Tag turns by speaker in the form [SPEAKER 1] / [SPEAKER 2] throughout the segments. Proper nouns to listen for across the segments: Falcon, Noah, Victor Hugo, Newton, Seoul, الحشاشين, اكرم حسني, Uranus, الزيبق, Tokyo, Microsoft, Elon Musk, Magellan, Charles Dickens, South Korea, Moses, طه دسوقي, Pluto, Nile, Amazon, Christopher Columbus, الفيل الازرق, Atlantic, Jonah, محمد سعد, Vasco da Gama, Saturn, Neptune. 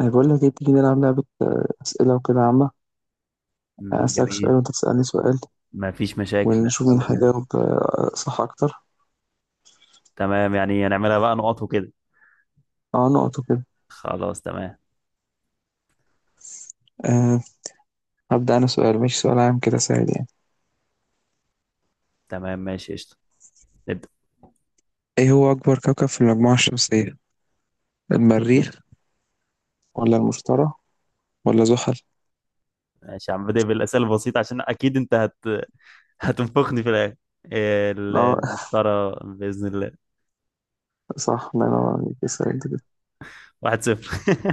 [SPEAKER 1] أنا بقول لك إيه، تيجي نلعب لعبة أسئلة وكده عامة. أنا
[SPEAKER 2] مم،
[SPEAKER 1] أسألك سؤال
[SPEAKER 2] جميل.
[SPEAKER 1] وأنت تسألني سؤال،
[SPEAKER 2] ما فيش مشاكل،
[SPEAKER 1] ونشوف مين
[SPEAKER 2] يلا بينا.
[SPEAKER 1] هيجاوب صح أكتر.
[SPEAKER 2] تمام يعني هنعملها بقى نقط وكده.
[SPEAKER 1] أه، نقط وكده.
[SPEAKER 2] خلاص تمام.
[SPEAKER 1] أه. هبدأ أنا سؤال، مش سؤال عام كده سهل يعني.
[SPEAKER 2] تمام ماشي قشطة. نبدأ.
[SPEAKER 1] إيه هو أكبر كوكب في المجموعة الشمسية؟ المريخ ولا المشتري ولا زحل؟
[SPEAKER 2] ماشي يا عم، بدأ بالأسئلة البسيطة عشان أكيد أنت هتنفخني في الآخر.
[SPEAKER 1] أه.
[SPEAKER 2] المشترى بإذن الله.
[SPEAKER 1] صح، الله ينور عليك، اسأل أنت كده.
[SPEAKER 2] 1-0.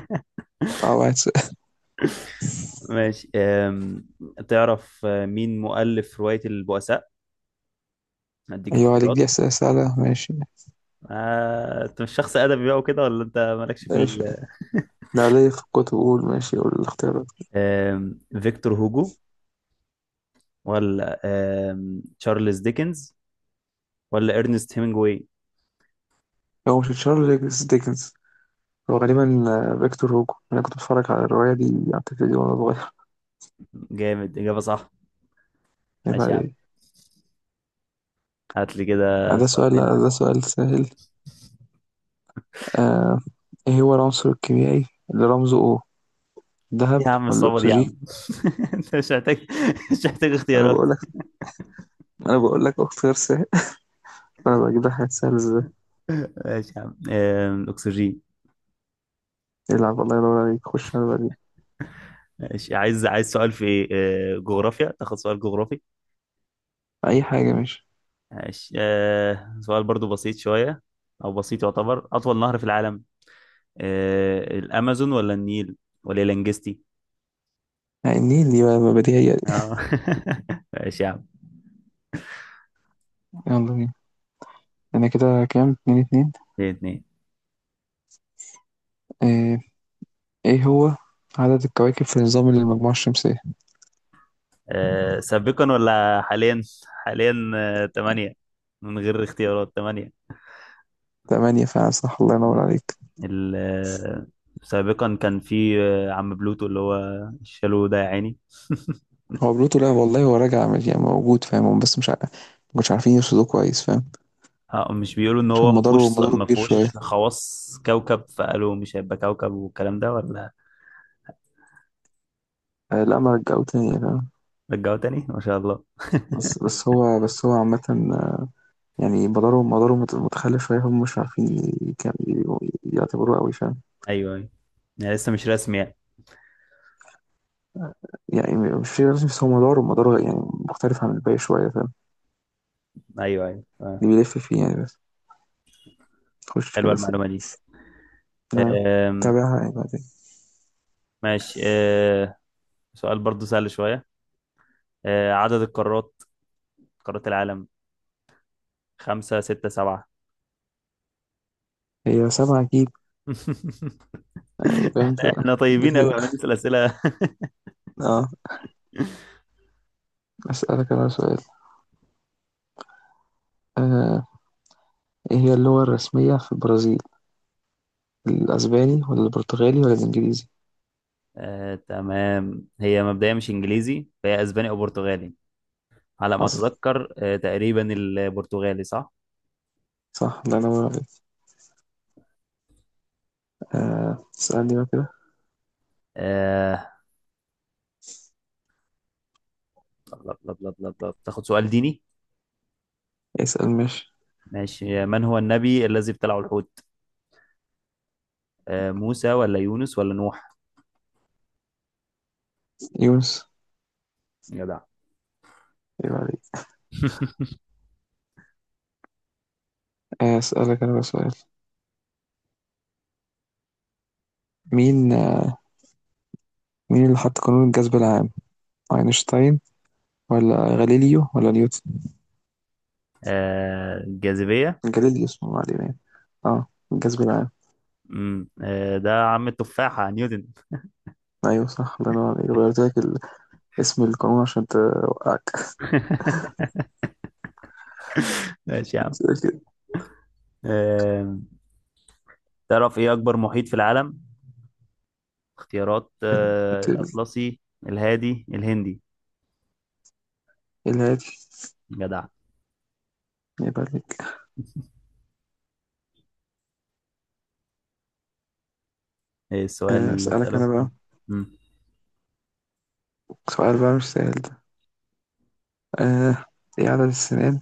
[SPEAKER 1] أه، واحد سؤال.
[SPEAKER 2] ماشي، تعرف مين مؤلف رواية البؤساء؟ هديك
[SPEAKER 1] أيوه عليك،
[SPEAKER 2] اختيارات.
[SPEAKER 1] دي أسئلة سهلة ماشي.
[SPEAKER 2] انت مش شخص ادبي بقى وكده، ولا انت مالكش في
[SPEAKER 1] ماشي، ده ليا في الكتب، قول ماشي، قول الاختيارات.
[SPEAKER 2] فيكتور هوجو، ولا تشارلز ديكنز، ولا ارنست هيمنجواي؟
[SPEAKER 1] هو مش تشارلز ديكنز، هو غالبا فيكتور هوجو، انا كنت بتفرج على الروايه دي على التلفزيون وانا صغير.
[SPEAKER 2] جامد، اجابه صح.
[SPEAKER 1] يبقى
[SPEAKER 2] ماشي يا عم،
[SPEAKER 1] عليه.
[SPEAKER 2] هات لي كده
[SPEAKER 1] ده
[SPEAKER 2] سؤال
[SPEAKER 1] سؤال، لا
[SPEAKER 2] تاني.
[SPEAKER 1] ده سؤال سهل. آه. ايه هو العنصر الكيميائي اللي رمزه O؟
[SPEAKER 2] إيه
[SPEAKER 1] ذهب
[SPEAKER 2] يا عم
[SPEAKER 1] ولا
[SPEAKER 2] الصعوبه دي يا
[SPEAKER 1] اكسجين؟
[SPEAKER 2] عم؟ انت مش محتاج
[SPEAKER 1] انا
[SPEAKER 2] اختيارات.
[SPEAKER 1] بقول لك، انا بقول لك اختيار سهل، انا بجيب لك حاجات سهله ازاي.
[SPEAKER 2] ماشي يا عم، اكسجين.
[SPEAKER 1] العب، الله ينور عليك، خش انا بجيب.
[SPEAKER 2] ماشي، عايز سؤال في إيه؟ جغرافيا، تاخد سؤال جغرافي.
[SPEAKER 1] اي حاجه ماشي.
[SPEAKER 2] ماشي، سؤال برضو بسيط شويه، او بسيط، يعتبر اطول نهر في العالم؟ الامازون ولا النيل ولا الانجستي؟
[SPEAKER 1] يعني النيل دي بقى، بديهيه دي.
[SPEAKER 2] اه. ماشي يا عم.
[SPEAKER 1] يلا بينا، انا كده كام؟ اتنين اتنين.
[SPEAKER 2] 2-2.
[SPEAKER 1] آه، ايه هو عدد الكواكب في نظام المجموعه الشمسيه؟
[SPEAKER 2] سابقا ولا حاليا؟ حاليا تمانية. من غير اختيارات تمانية.
[SPEAKER 1] تمانية فعلا، صح، الله ينور
[SPEAKER 2] م.
[SPEAKER 1] عليك.
[SPEAKER 2] ال- آه، سابقا كان في عم بلوتو، اللي هو الشالو ده يا عيني.
[SPEAKER 1] هو بلوتو، لا والله هو راجع يعني موجود، فاهم هم بس مش عارف ما كانوش عارفين يرصدوه كويس، فاهم.
[SPEAKER 2] مش بيقولوا ان
[SPEAKER 1] عشان
[SPEAKER 2] هو ما
[SPEAKER 1] مداره،
[SPEAKER 2] فيهوش
[SPEAKER 1] مداره
[SPEAKER 2] ما
[SPEAKER 1] كبير شوية.
[SPEAKER 2] فيهوش خواص كوكب، فقالوا مش هيبقى كوكب والكلام ده، ولا
[SPEAKER 1] آه لا، ما رجعوه تاني، فاهم.
[SPEAKER 2] رجعوا تاني؟ ما شاء الله.
[SPEAKER 1] بس هو هو عامة، آه، يعني مداره، مداره متخلف شوية، هم مش عارفين يعتبروه قوي، فاهم.
[SPEAKER 2] ايوه ايوه. يعني لسه مش رسمي يعني.
[SPEAKER 1] يعني مش في لازم، بس هو مداره، مداره يعني مختلف عن الباقي شوية، فاهم.
[SPEAKER 2] ايوه ايوه.
[SPEAKER 1] اللي بيلف فيه يعني، بس تخش
[SPEAKER 2] حلوه
[SPEAKER 1] كده سوق.
[SPEAKER 2] المعلومه دي.
[SPEAKER 1] أنا
[SPEAKER 2] آم،
[SPEAKER 1] تابعها يعني بعدين.
[SPEAKER 2] ماشي، سؤال برضو سهل شويه. عدد القارات، قارات العالم، خمسة ستة سبعة؟
[SPEAKER 1] هي سبعة أكيد، يعني فاهم
[SPEAKER 2] احنا
[SPEAKER 1] أنت.
[SPEAKER 2] احنا طيبين قوي عم
[SPEAKER 1] بت-
[SPEAKER 2] نسأل أسئلة.
[SPEAKER 1] اه، أسألك أنا سؤال. آه. إيه هي اللغة الرسمية في البرازيل؟ الأسباني ولا البرتغالي ولا الإنجليزي؟
[SPEAKER 2] تمام، هي مبدئيا مش انجليزي، فهي اسباني او برتغالي. على ما
[SPEAKER 1] حصل،
[SPEAKER 2] اتذكر تقريبا البرتغالي صح.
[SPEAKER 1] صح، ده أنا واخد. آه، اسألني بقى كده.
[SPEAKER 2] آه، لب- لب- لب- لب- لب. تاخد سؤال ديني.
[SPEAKER 1] اسأل ماشي.
[SPEAKER 2] ماشي، من هو النبي الذي ابتلعه الحوت؟ موسى ولا يونس ولا نوح؟
[SPEAKER 1] يونس.
[SPEAKER 2] جدع.
[SPEAKER 1] أيوة عليك. أسألك أنا بقى سؤال. مين آه، مين اللي حط قانون الجذب العام؟ أينشتاين ولا غاليليو ولا نيوتن؟
[SPEAKER 2] الجاذبية.
[SPEAKER 1] غاليليو اسمه، ما علينا يعني. اه، الجذب العام.
[SPEAKER 2] ده عم التفاحة نيوتن.
[SPEAKER 1] أيوه صح، الله ينور عليك، غيرت لك اسم القانون عشان توقعك.
[SPEAKER 2] ماشي يا عم.
[SPEAKER 1] أسألك.
[SPEAKER 2] آه، تعرف ايه اكبر محيط في العالم؟ اختيارات،
[SPEAKER 1] ال-
[SPEAKER 2] الاطلسي، الهادي، الهندي؟
[SPEAKER 1] الهادي.
[SPEAKER 2] جدع.
[SPEAKER 1] يبقى عليك.
[SPEAKER 2] ايه السؤال اللي
[SPEAKER 1] أسألك
[SPEAKER 2] اساله؟
[SPEAKER 1] أنا بقى
[SPEAKER 2] مم.
[SPEAKER 1] سؤال بقى، مش سهل ده. آه. إيه عدد السنين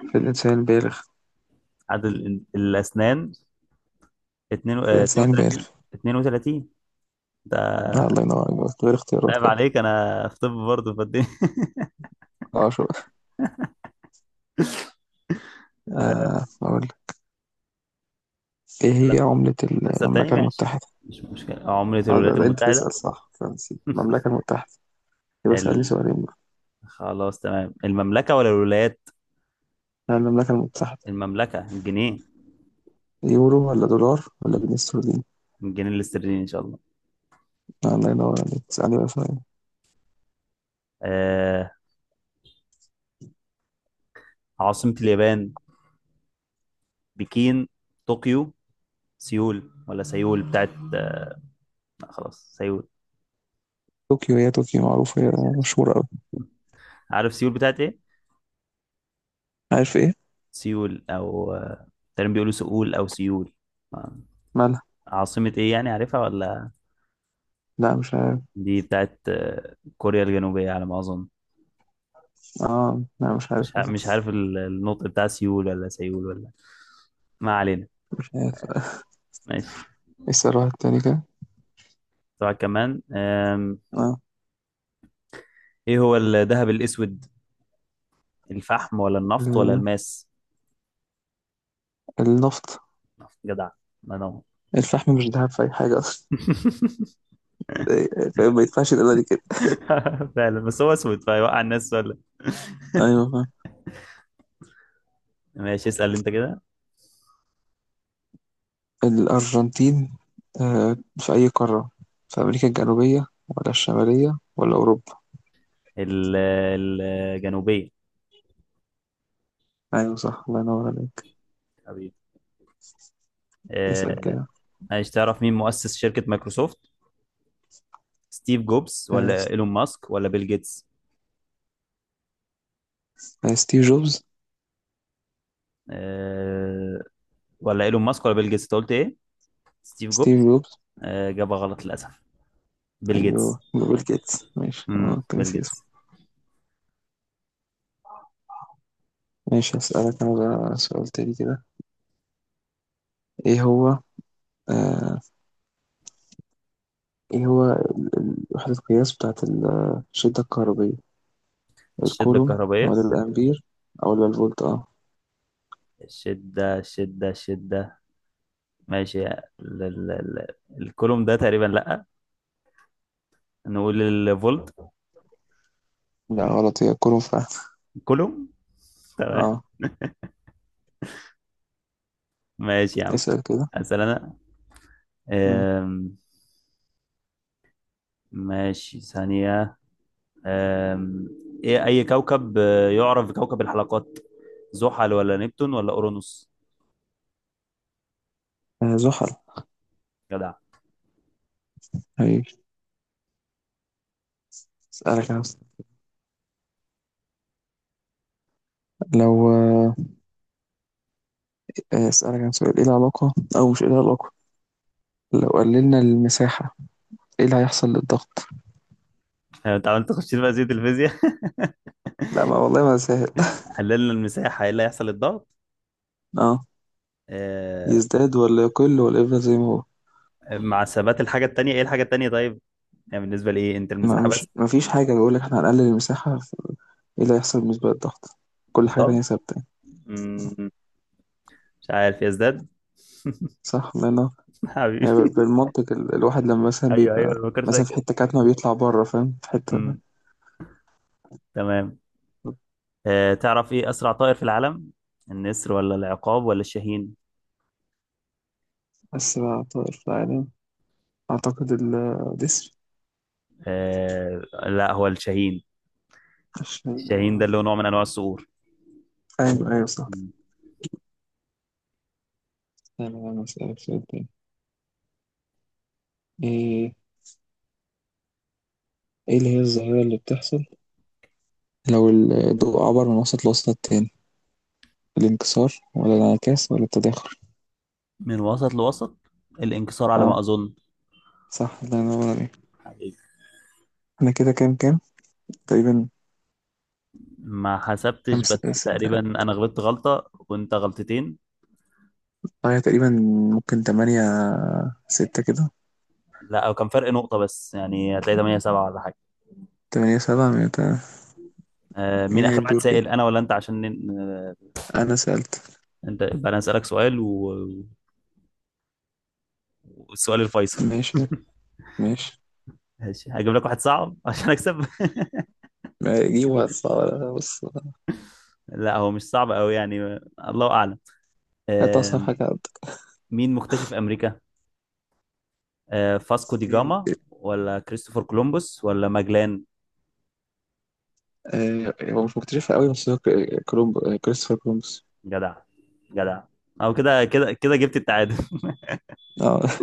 [SPEAKER 1] في الإنسان البالغ؟
[SPEAKER 2] عدد الاسنان؟ 2،
[SPEAKER 1] في الإنسان البالغ.
[SPEAKER 2] 32. 32 ده.
[SPEAKER 1] لا، الله ينور عليك، بس غير اختيارات
[SPEAKER 2] عيب
[SPEAKER 1] كده.
[SPEAKER 2] عليك، انا في طب برضه فدي.
[SPEAKER 1] اه شو. آه، أقول لك. إيه هي عملة
[SPEAKER 2] اسال تاني
[SPEAKER 1] المملكة
[SPEAKER 2] ماشي.
[SPEAKER 1] المتحدة؟
[SPEAKER 2] مش مشكله، عملة
[SPEAKER 1] آه،
[SPEAKER 2] الولايات
[SPEAKER 1] ده أنت
[SPEAKER 2] المتحدة.
[SPEAKER 1] تسأل صح، فرنسي المملكة المتحدة، يبقى اسألني
[SPEAKER 2] ال...
[SPEAKER 1] سؤالين بقى.
[SPEAKER 2] خلاص تمام، المملكة ولا الولايات؟
[SPEAKER 1] آه، المملكة المتحدة.
[SPEAKER 2] المملكة، الجنيه؟
[SPEAKER 1] يورو ولا دولار ولا جنيه استرليني؟
[SPEAKER 2] الجنيه الاسترليني ان شاء الله.
[SPEAKER 1] آه، الله ينور عليك، اسألني بقى سؤالين.
[SPEAKER 2] آه... عاصمة اليابان؟ بكين، طوكيو، سيول؟ ولا سيول بتاعت لا خلاص سيول.
[SPEAKER 1] طوكيو، هي طوكيو معروفة، هي
[SPEAKER 2] معلش يا باشا،
[SPEAKER 1] مشهورة أوي.
[SPEAKER 2] عارف سيول بتاعت ايه؟
[SPEAKER 1] عارف إيه؟
[SPEAKER 2] سيول او تقريبا بيقولوا سؤول او سيول. آه،
[SPEAKER 1] مالها؟
[SPEAKER 2] عاصمة ايه يعني، عارفها ولا؟
[SPEAKER 1] لا، مش عارف.
[SPEAKER 2] دي بتاعت كوريا الجنوبية على ما اظن.
[SPEAKER 1] اه لا، مش عارف.
[SPEAKER 2] مش عارف النطق بتاع سيول ولا سيول ولا. ما علينا.
[SPEAKER 1] مش عارف.
[SPEAKER 2] ماشي.
[SPEAKER 1] ايه السؤال التاني كده؟
[SPEAKER 2] طبعا كمان،
[SPEAKER 1] اه.
[SPEAKER 2] ايه هو الذهب الاسود؟ الفحم ولا النفط ولا
[SPEAKER 1] ال-
[SPEAKER 2] الماس؟
[SPEAKER 1] النفط.
[SPEAKER 2] جدع، ما نو.
[SPEAKER 1] الفحم مش ذهب في أي حاجة أصلا، إيه، فاهم؟ ما يدفعش القيمة دي كده.
[SPEAKER 2] فعلا، بس هو اسود فيوقع الناس.
[SPEAKER 1] أيوة فاهم.
[SPEAKER 2] ماشي، اسأل انت كده.
[SPEAKER 1] الأرجنتين في أي قارة؟ في أمريكا الجنوبية ولا الشمالية ولا أوروبا؟
[SPEAKER 2] ال- الجنوبية.
[SPEAKER 1] أيوة صح، الله ينور عليك.
[SPEAKER 2] حبيبي.
[SPEAKER 1] اسأل
[SPEAKER 2] آه،
[SPEAKER 1] كده.
[SPEAKER 2] عايز تعرف مين مؤسس شركة مايكروسوفت؟ ستيف جوبز
[SPEAKER 1] آه،
[SPEAKER 2] ولا
[SPEAKER 1] س-
[SPEAKER 2] ايلون ماسك ولا بيل جيتس؟
[SPEAKER 1] ستيف جوبز.
[SPEAKER 2] آه، ولا ايلون ماسك ولا بيل جيتس، انت قلت ايه؟ ستيف
[SPEAKER 1] ستيف
[SPEAKER 2] جوبز؟
[SPEAKER 1] جوبز.
[SPEAKER 2] اجابة غلط للاسف. بيل جيتس.
[SPEAKER 1] أيوه، بيل جيتس ماشي، أه كنت
[SPEAKER 2] بيل
[SPEAKER 1] ناسي اسمه.
[SPEAKER 2] جيتس.
[SPEAKER 1] ماشي، هسألك أنا بقى سؤال تاني كده. إيه هو، آه، إيه هو وحدة القياس بتاعت الشدة الكهربية؟
[SPEAKER 2] الشدة
[SPEAKER 1] الكولوم
[SPEAKER 2] الكهربائية.
[SPEAKER 1] ولا الأمبير ولا الفولت؟ أه.
[SPEAKER 2] الشدة الشدة الشدة. ماشي، ال الكولوم ده تقريبا، لا، نقول الفولت.
[SPEAKER 1] لا غلط، هي كولوم فعلا.
[SPEAKER 2] كولوم، تمام.
[SPEAKER 1] اه،
[SPEAKER 2] ماشي يا عم.
[SPEAKER 1] اسأل كده.
[SPEAKER 2] اسال انا،
[SPEAKER 1] مم.
[SPEAKER 2] آم، ماشي، ثانية، أم... إيه أي كوكب يعرف بكوكب الحلقات؟ زحل ولا نبتون ولا أورانوس؟
[SPEAKER 1] آه، زحل.
[SPEAKER 2] جدع.
[SPEAKER 1] هي اسألك انا لو، آه، اسألك انا سؤال. ايه العلاقة، او مش ايه العلاقة، لو قللنا المساحة ايه اللي هيحصل للضغط؟
[SPEAKER 2] أنت عملت تخش بقى زي الفيزياء.
[SPEAKER 1] لا ما والله ما سهل.
[SPEAKER 2] حللنا المساحة، إيه اللي هيحصل الضغط؟
[SPEAKER 1] اه.
[SPEAKER 2] أه...
[SPEAKER 1] يزداد ولا يقل ولا يفضل زي ما هو؟
[SPEAKER 2] مع ثبات الحاجة التانية، إيه الحاجة التانية طيب؟ يعني بالنسبة لإيه أنت،
[SPEAKER 1] ما
[SPEAKER 2] المساحة
[SPEAKER 1] مش
[SPEAKER 2] بس؟
[SPEAKER 1] ما فيش حاجة، بيقول لك احنا هنقلل المساحة ايه اللي هيحصل بالنسبة للضغط، كل حاجة تانية
[SPEAKER 2] الضغط
[SPEAKER 1] ثابتة يعني.
[SPEAKER 2] مم، مش عارف، يزداد.
[SPEAKER 1] صح لأنه يعني
[SPEAKER 2] حبيبي.
[SPEAKER 1] بالمنطق، الواحد لما مثلا
[SPEAKER 2] أيوه أيوه،
[SPEAKER 1] بيبقى
[SPEAKER 2] ما فكرتش فيها
[SPEAKER 1] مثلا في
[SPEAKER 2] كده.
[SPEAKER 1] حتة كاتمة بيطلع بره، فاهم، في حتة.
[SPEAKER 2] مم، تمام. تعرف إيه أسرع طائر في العالم؟ النسر ولا العقاب ولا الشاهين؟
[SPEAKER 1] بس بقى، طائر في العالم، أعتقد الجسر،
[SPEAKER 2] آه، لا هو الشاهين.
[SPEAKER 1] عشان.
[SPEAKER 2] الشاهين ده اللي هو نوع من انواع الصقور.
[SPEAKER 1] أيوه أيوه صح. أنا أسألك سؤال تاني. إيه، إيه اللي هي الظاهرة اللي بتحصل لو الضوء عبر من وسط لوسط التاني؟ الانكسار ولا الانعكاس ولا التداخل؟
[SPEAKER 2] من وسط لوسط، الانكسار على ما
[SPEAKER 1] أه،
[SPEAKER 2] اظن.
[SPEAKER 1] صح، الله ينور عليك.
[SPEAKER 2] حقيقي.
[SPEAKER 1] أنا كده كام كام تقريبا؟
[SPEAKER 2] ما حسبتش،
[SPEAKER 1] خمس
[SPEAKER 2] بس
[SPEAKER 1] س-
[SPEAKER 2] تقريبا
[SPEAKER 1] أه
[SPEAKER 2] انا غلطت غلطه وانت غلطتين.
[SPEAKER 1] هي تقريبا ممكن تمانية ستة كده.
[SPEAKER 2] لا، او كان فرق نقطه بس، يعني هتلاقي 8-7 ولا حاجه.
[SPEAKER 1] تمانية سبعة،
[SPEAKER 2] آه، مين
[SPEAKER 1] مين
[SPEAKER 2] اخر واحد
[SPEAKER 1] هيدور كده؟
[SPEAKER 2] سائل، انا ولا انت، عشان
[SPEAKER 1] أنا سألت.
[SPEAKER 2] انت، يبقى انا اسالك سؤال والسؤال الفيصل.
[SPEAKER 1] ماشي ماشي،
[SPEAKER 2] ماشي، هجيب لك واحد صعب عشان اكسب.
[SPEAKER 1] ما دي وقت صعب بص.
[SPEAKER 2] لا، هو مش صعب قوي يعني. الله اعلم.
[SPEAKER 1] هات أصعب
[SPEAKER 2] آه،
[SPEAKER 1] حاجة عندك.
[SPEAKER 2] مين مكتشف امريكا؟ فاسكو دي
[SPEAKER 1] مين؟
[SPEAKER 2] جاما ولا كريستوفر كولومبوس ولا ماجلان؟
[SPEAKER 1] آه، هو مش مكتشفها قوي، بس هو ك- آه، كولومب آه، كريستوفر كولومبوس.
[SPEAKER 2] جدع، جدع. او كده كده كده جبت التعادل.
[SPEAKER 1] اه